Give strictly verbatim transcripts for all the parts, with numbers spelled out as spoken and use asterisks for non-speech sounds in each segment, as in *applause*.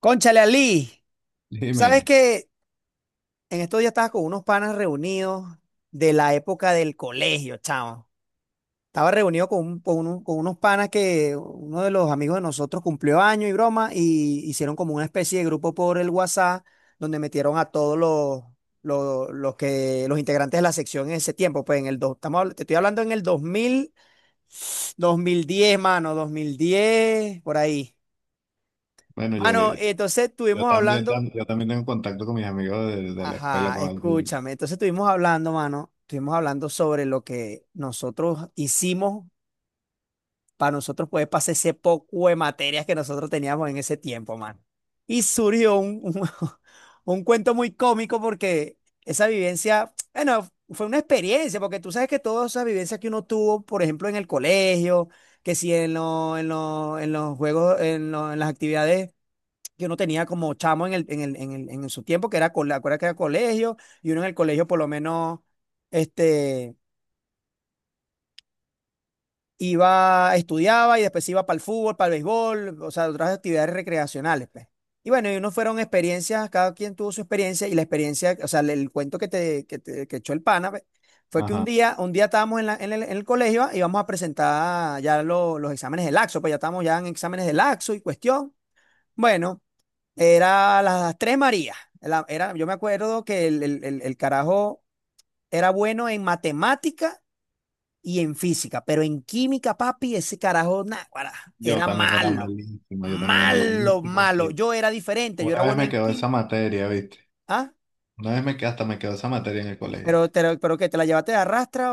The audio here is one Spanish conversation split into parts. Cónchale, Ali, sabes Dime. que en estos días estaba con unos panas reunidos de la época del colegio, chavo. Estaba reunido con, un- con uno- con unos panas. Que uno de los amigos de nosotros cumplió año y broma, y hicieron como una especie de grupo por el WhatsApp, donde metieron a todos los, los, los que, los integrantes de la sección en ese tiempo. Pues en el dos, estamos, habl- te estoy hablando en el dos dos mil dos mil diez, mano, dos mil diez por ahí. bueno, yo, Mano, entonces yo estuvimos también, hablando. tam- yo también tengo contacto con mis amigos de, de la escuela, Ajá, con algún, escúchame. Entonces estuvimos hablando, mano, estuvimos hablando sobre lo que nosotros hicimos para nosotros poder pasar ese poco de materias que nosotros teníamos en ese tiempo, mano. Y surgió un, un, *laughs* un cuento muy cómico, porque esa vivencia, bueno, fue una experiencia. Porque tú sabes que todas esas vivencias que uno tuvo, por ejemplo, en el colegio, que si en, lo- en, lo- en los juegos, en, lo- en las actividades que uno tenía como chamo en el, en el, en el, en su tiempo, que era, cole- acuérdate que era colegio, y uno en el colegio, por lo menos, este, iba, estudiaba y después iba para el fútbol, para el béisbol, o sea, otras actividades recreacionales, pues. Y bueno, y uno fueron experiencias, cada quien tuvo su experiencia, y la experiencia, o sea, el, el cuento que te, que te- que echó el pana, pues, fue que un ajá, día, un día estábamos en, la- en el, en el colegio y íbamos a presentar ya lo- los exámenes del laxo. Pues ya estábamos ya en exámenes del laxo y cuestión. Bueno. Era las tres Marías. La- Era, yo me acuerdo que el, el- el- el carajo era bueno en matemática y en física, pero en química, papi, ese carajo, náguara, yo era también era malo. malísimo, yo también era Malo, malísimo en malo. química. Yo era diferente, yo era Una vez bueno me en quedó esa química. materia, ¿viste? ¿Ah? Una vez me quedó, hasta me quedó esa materia en el colegio. Pero, te la- pero ¿qué? ¿Te la llevaste de arrastra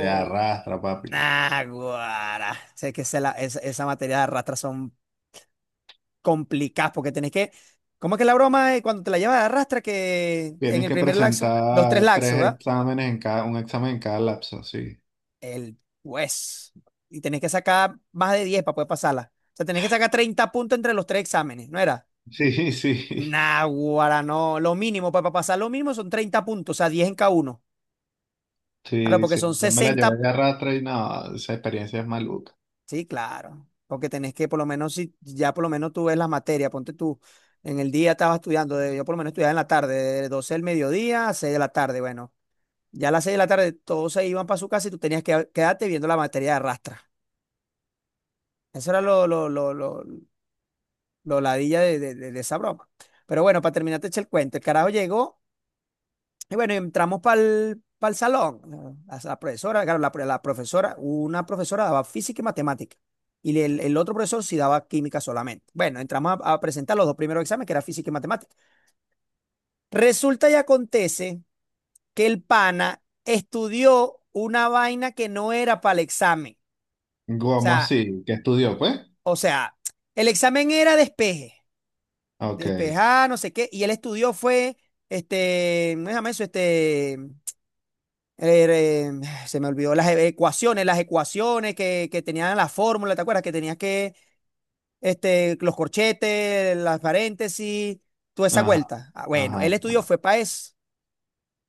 Te arrastra, papi. Náguara. Sé que esa, la- esa, esa materia de arrastra son complicadas, porque tenés que... ¿Cómo es que la broma es cuando te la llevas de arrastra que en Tienes el que primer laxo? Los tres presentar laxos, tres ¿verdad? exámenes en cada, un examen en cada lapso, sí. El juez. Y tenés que sacar más de diez para poder pasarla. O sea, tenés que sacar treinta puntos entre los tres exámenes, ¿no era? Sí, *laughs* sí, Naguará, no. Lo mínimo pues, para pasar lo mínimo son treinta puntos, o sea, diez en cada uno. Claro, sí, porque son sí. Yo me la sesenta. llevé de arrastra y no, esa experiencia es maluca. Sí, claro. Porque tenés que, por lo menos, si ya por lo menos tú ves las materias, ponte tú. En el día estaba estudiando, de- yo por lo menos estudiaba en la tarde, de doce del mediodía a seis de la tarde. Bueno, ya a las seis de la tarde todos se iban para su casa y tú tenías que quedarte viendo la materia de arrastra. Eso era lo, lo, lo, lo, lo ladilla de, de- de- de esa broma. Pero bueno, para terminar, te eché el cuento. El carajo llegó, y bueno, entramos para el salón. La, la profesora, claro, la, la profesora, una profesora daba física y matemática. Y el, el otro profesor sí daba química solamente. Bueno, entramos a, a presentar los dos primeros exámenes, que era física y matemática. Resulta y acontece que el pana estudió una vaina que no era para el examen. O ¿Cómo sea, así? ¿Qué estudió, pues? o sea, el examen era despeje. Ok. Despejar, no sé qué. Y él estudió, fue, este, ¿cómo se llama eso? Este, eh, eh, se me olvidó las e- ecuaciones, las ecuaciones que, que tenían la fórmula, ¿te acuerdas? Que tenías que, este, los corchetes, las paréntesis, toda esa Ajá, vuelta. Ah, bueno, ajá. él estudió, fue para eso.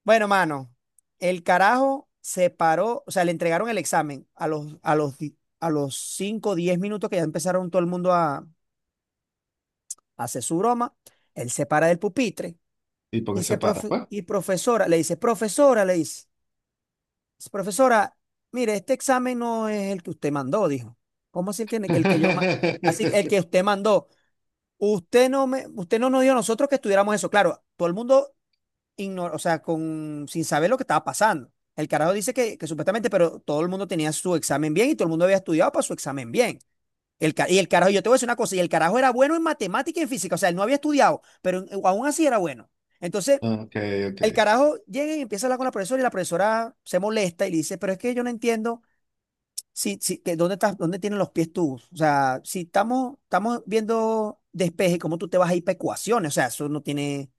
Bueno, mano, el carajo se paró, o sea, le entregaron el examen a los, a los, di- a los cinco o diez minutos, que ya empezaron todo el mundo a, a hacer su broma. Él se para del pupitre. ¿Y por qué se Dice, para? "Profe- Pues. y profesora", le dice, "profesora", le dice, "profesora, mire, este examen no es el que usted mandó", dijo. "¿Cómo así que, que el que yo ma- así el que *laughs* usted mandó, usted no me, usted no nos dio a nosotros que estudiáramos eso". Claro, todo el mundo ignora, o sea, con, sin saber lo que estaba pasando. El carajo dice que, que supuestamente, pero todo el mundo tenía su examen bien y todo el mundo había estudiado para su examen bien. El, ca- y el carajo, yo te voy a decir una cosa, y el carajo era bueno en matemática y en física, o sea, él no había estudiado, pero en- aún así era bueno. Entonces, Ok, ok. el carajo llega y empieza a hablar con la profesora, y la profesora se molesta y le dice, "pero es que yo no entiendo si, si, que dónde estás, dónde tienen los pies tú. O sea, si estamos, estamos viendo despeje, ¿cómo tú te vas a ir para ecuaciones? O sea, eso no tiene,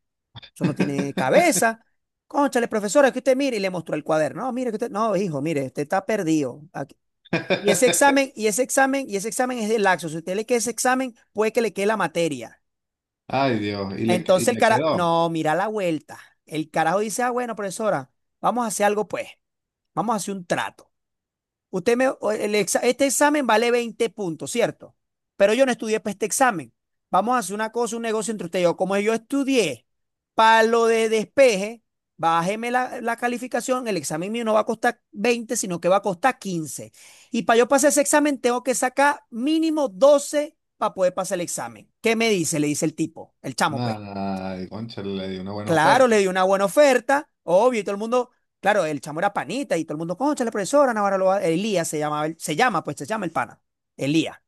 eso no tiene *laughs* cabeza". "Cónchale, profesora, es que usted mire", y le mostró el cuaderno. "No, mire que usted, no, hijo, mire, usted está perdido. Aquí... Y ese examen, y ese examen, y ese examen es de laxo. Si usted le queda ese examen, puede que le quede la materia". Ay, Dios, y le, y Entonces el le cara, quedó. no, mira la vuelta. El carajo dice, "ah, bueno, profesora, vamos a hacer algo pues, vamos a hacer un trato. Usted me, o- el exa- este examen vale veinte puntos, ¿cierto? Pero yo no estudié para este examen. Vamos a hacer una cosa, un negocio entre usted y yo. Como yo estudié para lo de despeje, bájeme la, la calificación. El examen mío no va a costar veinte, sino que va a costar quince. Y para yo pasar ese examen tengo que sacar mínimo doce para poder pasar el examen. ¿Qué me dice?", le dice el tipo, el chamo, pues. Nada, concha, le dio una buena Claro, oferta. le dio una buena oferta, obvio. Y todo el mundo, claro, el chamo era panita, y todo el mundo, "cónchale, profesora, Navarra lo va-". Elías se llamaba, el- se llama, pues se llama el pana, Elías.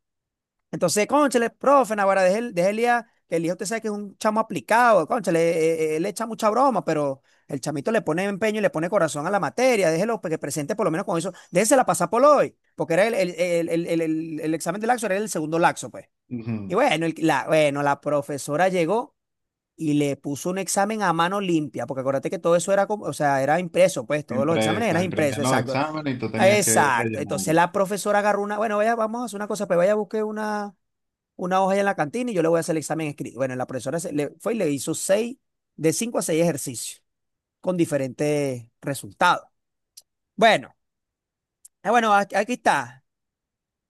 Entonces, "cónchale, profe, Navarra, deje, el- deje Elías, que Elías usted sabe que es un chamo aplicado, cónchale, eh, eh, él, le echa mucha broma, pero el chamito le pone empeño y le pone corazón a la materia, déjelo pues, que presente por lo menos con eso, déjela pasar por hoy", porque era el, el, el, el, el- el- el examen de laxo, era el segundo laxo, pues. Y Ujú. bueno, el- la, bueno, la profesora llegó y le puso un examen a mano limpia, porque acuérdate que todo eso era como, o sea, era impreso, pues todos los exámenes eran Impresa, impresos, imprimían los exacto. exámenes y tú tenías que Exacto. Entonces rellenarlo. la profesora agarró una, bueno, "vaya, vamos a hacer una cosa, pues vaya a buscar una, una hoja ahí en la cantina y yo le voy a hacer el examen escrito". Bueno, la profesora se- le, fue y le hizo seis, de cinco a seis ejercicios con diferentes resultados. Bueno, ah, bueno, "aquí aquí está.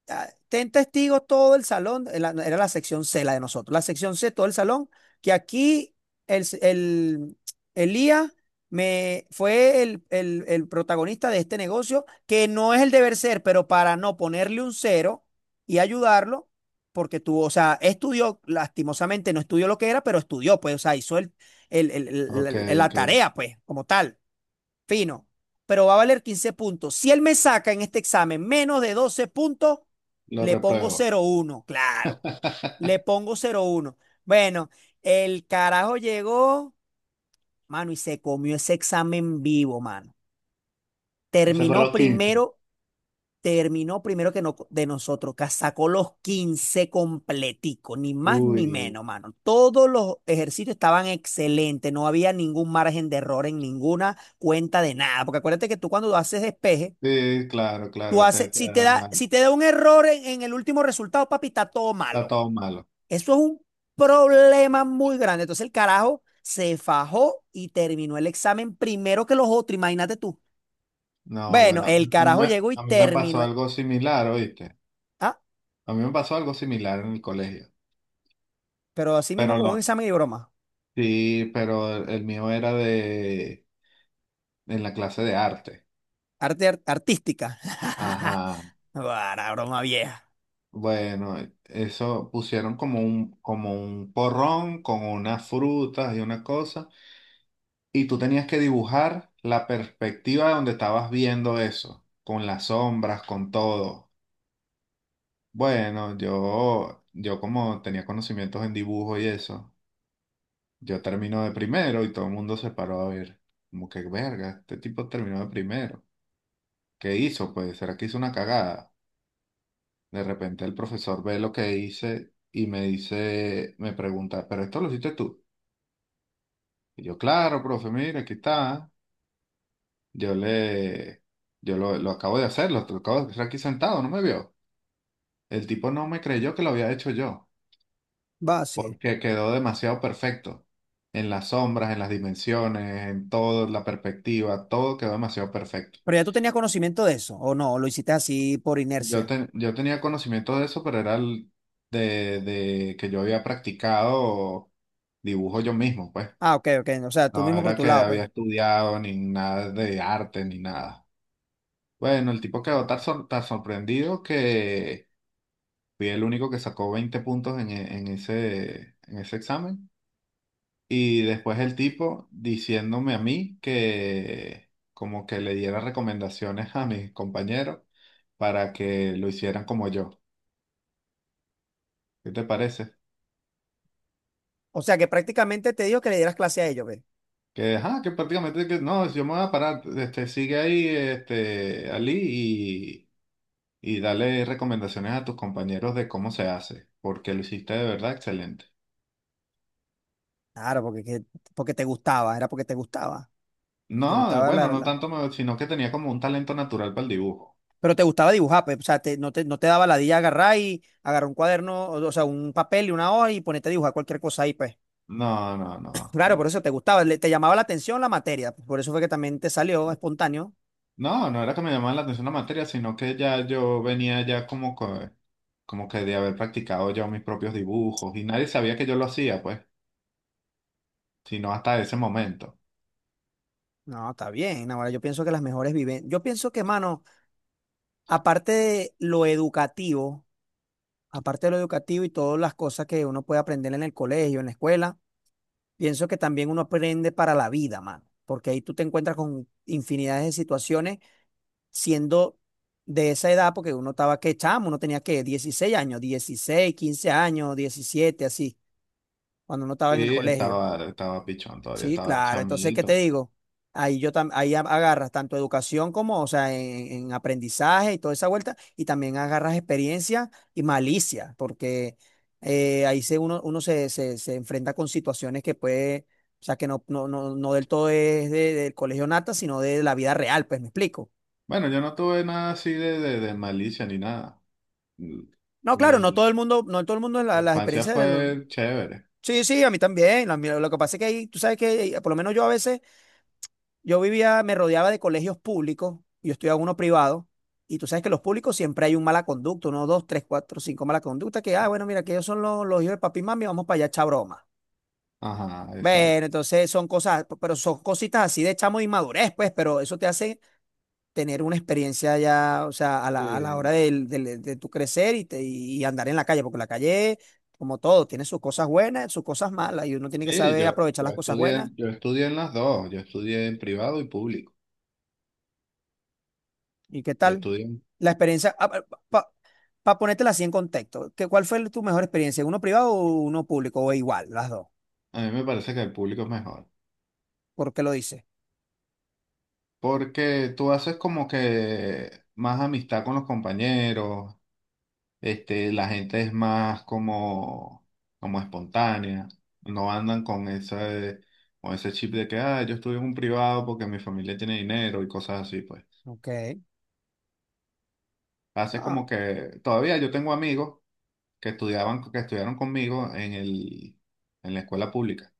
Ah, ten testigos todo el salón", eh, la- era la sección C, la de nosotros, la sección C, todo el salón, "que aquí el, s- el, Elías me, fue el, el- el protagonista de este negocio, que no es el deber ser, pero para no ponerle un cero y ayudarlo, porque tuvo, o sea, estudió, lastimosamente no estudió lo que era, pero estudió, pues, o sea, hizo el, el- Ok, el- el- la ok, tarea, pues, como tal. Fino, pero va a valer quince puntos. Si él me saca en este examen menos de doce puntos, lo le pongo repruebo. cero uno". Claro. Le *laughs* pongo cero uno. Bueno, el carajo llegó, mano, y se comió ese examen vivo, mano. Y sacó Terminó los quince. primero, terminó primero que no, de nosotros, que sacó los quince completico, ni más ni Uy, menos, mano. Todos los ejercicios estaban excelentes, no había ningún margen de error en ninguna cuenta de nada, porque acuérdate que tú cuando haces despeje, sí, claro, tú claro, haces, te- te- si te da, si te da un error en, en el último resultado, papi, está todo está malo. todo malo. Eso es un problema muy grande. Entonces el carajo se fajó y terminó el examen primero que los otros, imagínate tú. No, Bueno, bueno, el a mí, carajo me- llegó y A mí me pasó terminó. el- algo similar, ¿oíste? Ah, A mí me pasó algo similar en el colegio. pero así mismo Pero como un lo, examen de broma. sí, pero el el mío era de, en la clase de arte. Arte ar- artística. *laughs* Ajá. Para broma vieja. Bueno, eso pusieron como un, como un porrón con unas frutas y una cosa, y tú tenías que dibujar la perspectiva de donde estabas viendo eso, con las sombras, con todo. Bueno, yo, yo como tenía conocimientos en dibujo y eso, yo termino de primero y todo el mundo se paró a ver, como que verga, este tipo terminó de primero. ¿Qué hizo? Pues, ¿será que hizo una cagada? De repente el profesor ve lo que hice y me dice, me pregunta, ¿pero esto lo hiciste tú? Y yo, claro, profe, mire, aquí está. Yo le, yo lo, lo acabo de hacer, lo, lo acabo de hacer aquí sentado, no me vio. El tipo no me creyó que lo había hecho yo, Va, sí. porque quedó demasiado perfecto. En las sombras, en las dimensiones, en todo, la perspectiva, todo quedó demasiado perfecto. Pero ya tú tenías conocimiento de eso, ¿o no? ¿O lo hiciste así por Yo, inercia? ten- yo tenía conocimiento de eso, pero era el de, de que yo había practicado dibujo yo mismo, pues. Ah, ok, ok. O sea, tú No mismo por era tu que lado, pues. había estudiado ni nada de arte ni nada. Bueno, el tipo quedó tan, sor- tan sorprendido que fui el único que sacó veinte puntos en, e- en ese, en ese examen. Y después el tipo diciéndome a mí que como que le diera recomendaciones a mis compañeros para que lo hicieran como yo. ¿Qué te parece? O sea, que prácticamente te dijo que le dieras clase a ellos, pues. Que, ajá, que prácticamente que no, yo me voy a parar, este, sigue ahí, este, Ali, y, y dale recomendaciones a tus compañeros de cómo se hace, porque lo hiciste de verdad excelente. Claro, porque, que- porque te gustaba, era porque te gustaba. Te No, gustaba la, bueno, no la- tanto, me- sino que tenía como un talento natural para el dibujo. Pero te gustaba dibujar, pues, o sea, te- no te, no te daba ladilla agarrar y agarrar un cuaderno, o, o sea, un papel y una hoja y ponerte a dibujar cualquier cosa ahí, pues. *laughs* No, no, *clears throat* Claro, no. por eso te gustaba, le- te llamaba la atención la materia, pues, por eso fue que también te salió espontáneo. No, no era que me llamaba la atención la materia, sino que ya yo venía ya como que, como que de haber practicado ya mis propios dibujos, y nadie sabía que yo lo hacía, pues, sino hasta ese momento. No, está bien, ahora yo pienso que las mejores viven. Yo pienso que, mano, aparte de lo educativo, aparte de lo educativo y todas las cosas que uno puede aprender en el colegio, en la escuela, pienso que también uno aprende para la vida, mano, porque ahí tú te encuentras con infinidades de situaciones siendo de esa edad, porque uno estaba que chamo, uno tenía que dieciséis años, dieciséis quince años, diecisiete así, cuando uno estaba en el Sí, colegio. estaba, estaba pichón todavía, Sí, estaba claro. Entonces, ¿qué te chamito. digo? Ahí yo tam- ahí a- agarras tanto educación como, o sea, en, en aprendizaje y toda esa vuelta, y también agarras experiencia y malicia, porque eh, ahí se uno, uno se, se, se enfrenta con situaciones que puede, o sea, que no, no, no, no del todo es de- del colegio nata, sino de la vida real, pues me explico. Bueno, yo no tuve nada así de, de, de malicia ni nada. Mm. No, claro, no todo Mi, el mundo, no todo el mundo mi la- las infancia experiencias de lo- fue chévere. Sí, sí, a mí también. La mía- lo que pasa es que ahí, tú sabes que eh, por lo menos yo a veces. Yo vivía, me rodeaba de colegios públicos, yo estudiaba uno privado, y tú sabes que los públicos siempre hay un mala conducta, uno, dos, tres, cuatro, cinco mala conducta, que, ah, bueno, mira, que ellos son los, los hijos de papi y mami, vamos para allá a echar broma. Ajá, exacto. Bueno, entonces son cosas, pero son cositas así de chamo de inmadurez, pues, pero eso te hace tener una experiencia ya, o sea, a la, a la Eh, hora del- del- de, tu crecer y, te- y andar en la calle, porque la calle, como todo, tiene sus cosas buenas, sus cosas malas, y uno tiene que sí, saber yo, aprovechar yo las cosas estudié, buenas. yo estudié en las dos. Yo estudié en privado y público. ¿Y qué Yo tal? estudié en- La experiencia, ah, pa- para ponértela así en contexto, ¿qué, cuál fue tu mejor experiencia? ¿Uno privado o uno público? ¿O igual, las dos? A mí me parece que el público es mejor. ¿Por qué lo dices? Porque tú haces como que más amistad con los compañeros. Este, la gente es más como, como espontánea, no andan con ese, con ese chip de que, ah, yo estuve en un privado porque mi familia tiene dinero y cosas así, pues. Ok, Hace no. como que, todavía yo tengo amigos que estudiaban, que estudiaron conmigo en el, en la escuela pública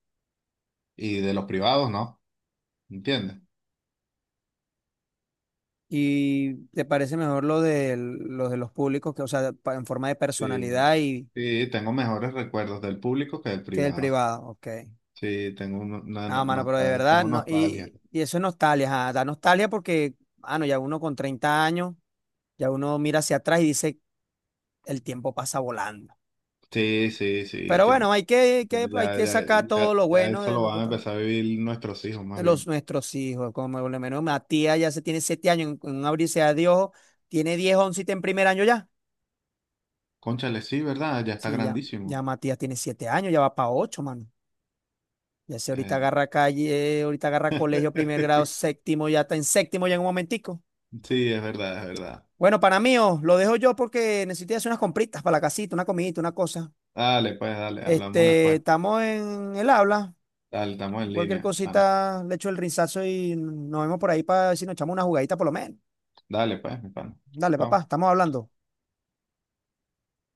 y de los privados no, ¿entiendes? ¿Y te parece mejor lo de los de los públicos, que, o sea, pa- en forma de Sí, personalidad y sí, tengo mejores recuerdos del público que del que del privado. privado? Ok. Sí, tengo, un- una- No, una- mano, pero de nostal- verdad, tengo no. nostalgia. Y, y eso es nostalgia, ajá, da nostalgia porque, mano, ya uno con treinta años, ya uno mira hacia atrás y dice, el tiempo pasa volando. Sí, sí, sí, el Pero bueno, tiempo. hay que, que, Pues hay Ya, que ya, sacar ya, todo lo ya bueno eso de lo lo que van a pasa. empezar a vivir nuestros hijos, más Los bien. nuestros hijos, como por lo menos Matías ya se tiene siete años, en, en un abrirse a Dios, tiene diez once y está en primer año ya. Cónchale, sí, ¿verdad? Ya está Sí, ya, ya grandísimo. Matías tiene siete años, ya va para ocho, mano. Ya se ahorita Eh, agarra calle, ahorita agarra colegio, primer grado, *laughs* séptimo, ya está en séptimo ya en un momentico. sí, es verdad, es verdad. Bueno, para mí, oh, lo dejo yo porque necesito ir a hacer unas compritas para la casita, una comidita, una cosa. Dale, pues, dale, hablamos Este, después. estamos en el habla. Dale, estamos en Cualquier línea, pana. cosita, le echo el rizazo y nos vemos por ahí para si nos echamos una jugadita por lo menos. Dale, pues, mi pana. Dale, papá, Hablamos. estamos hablando.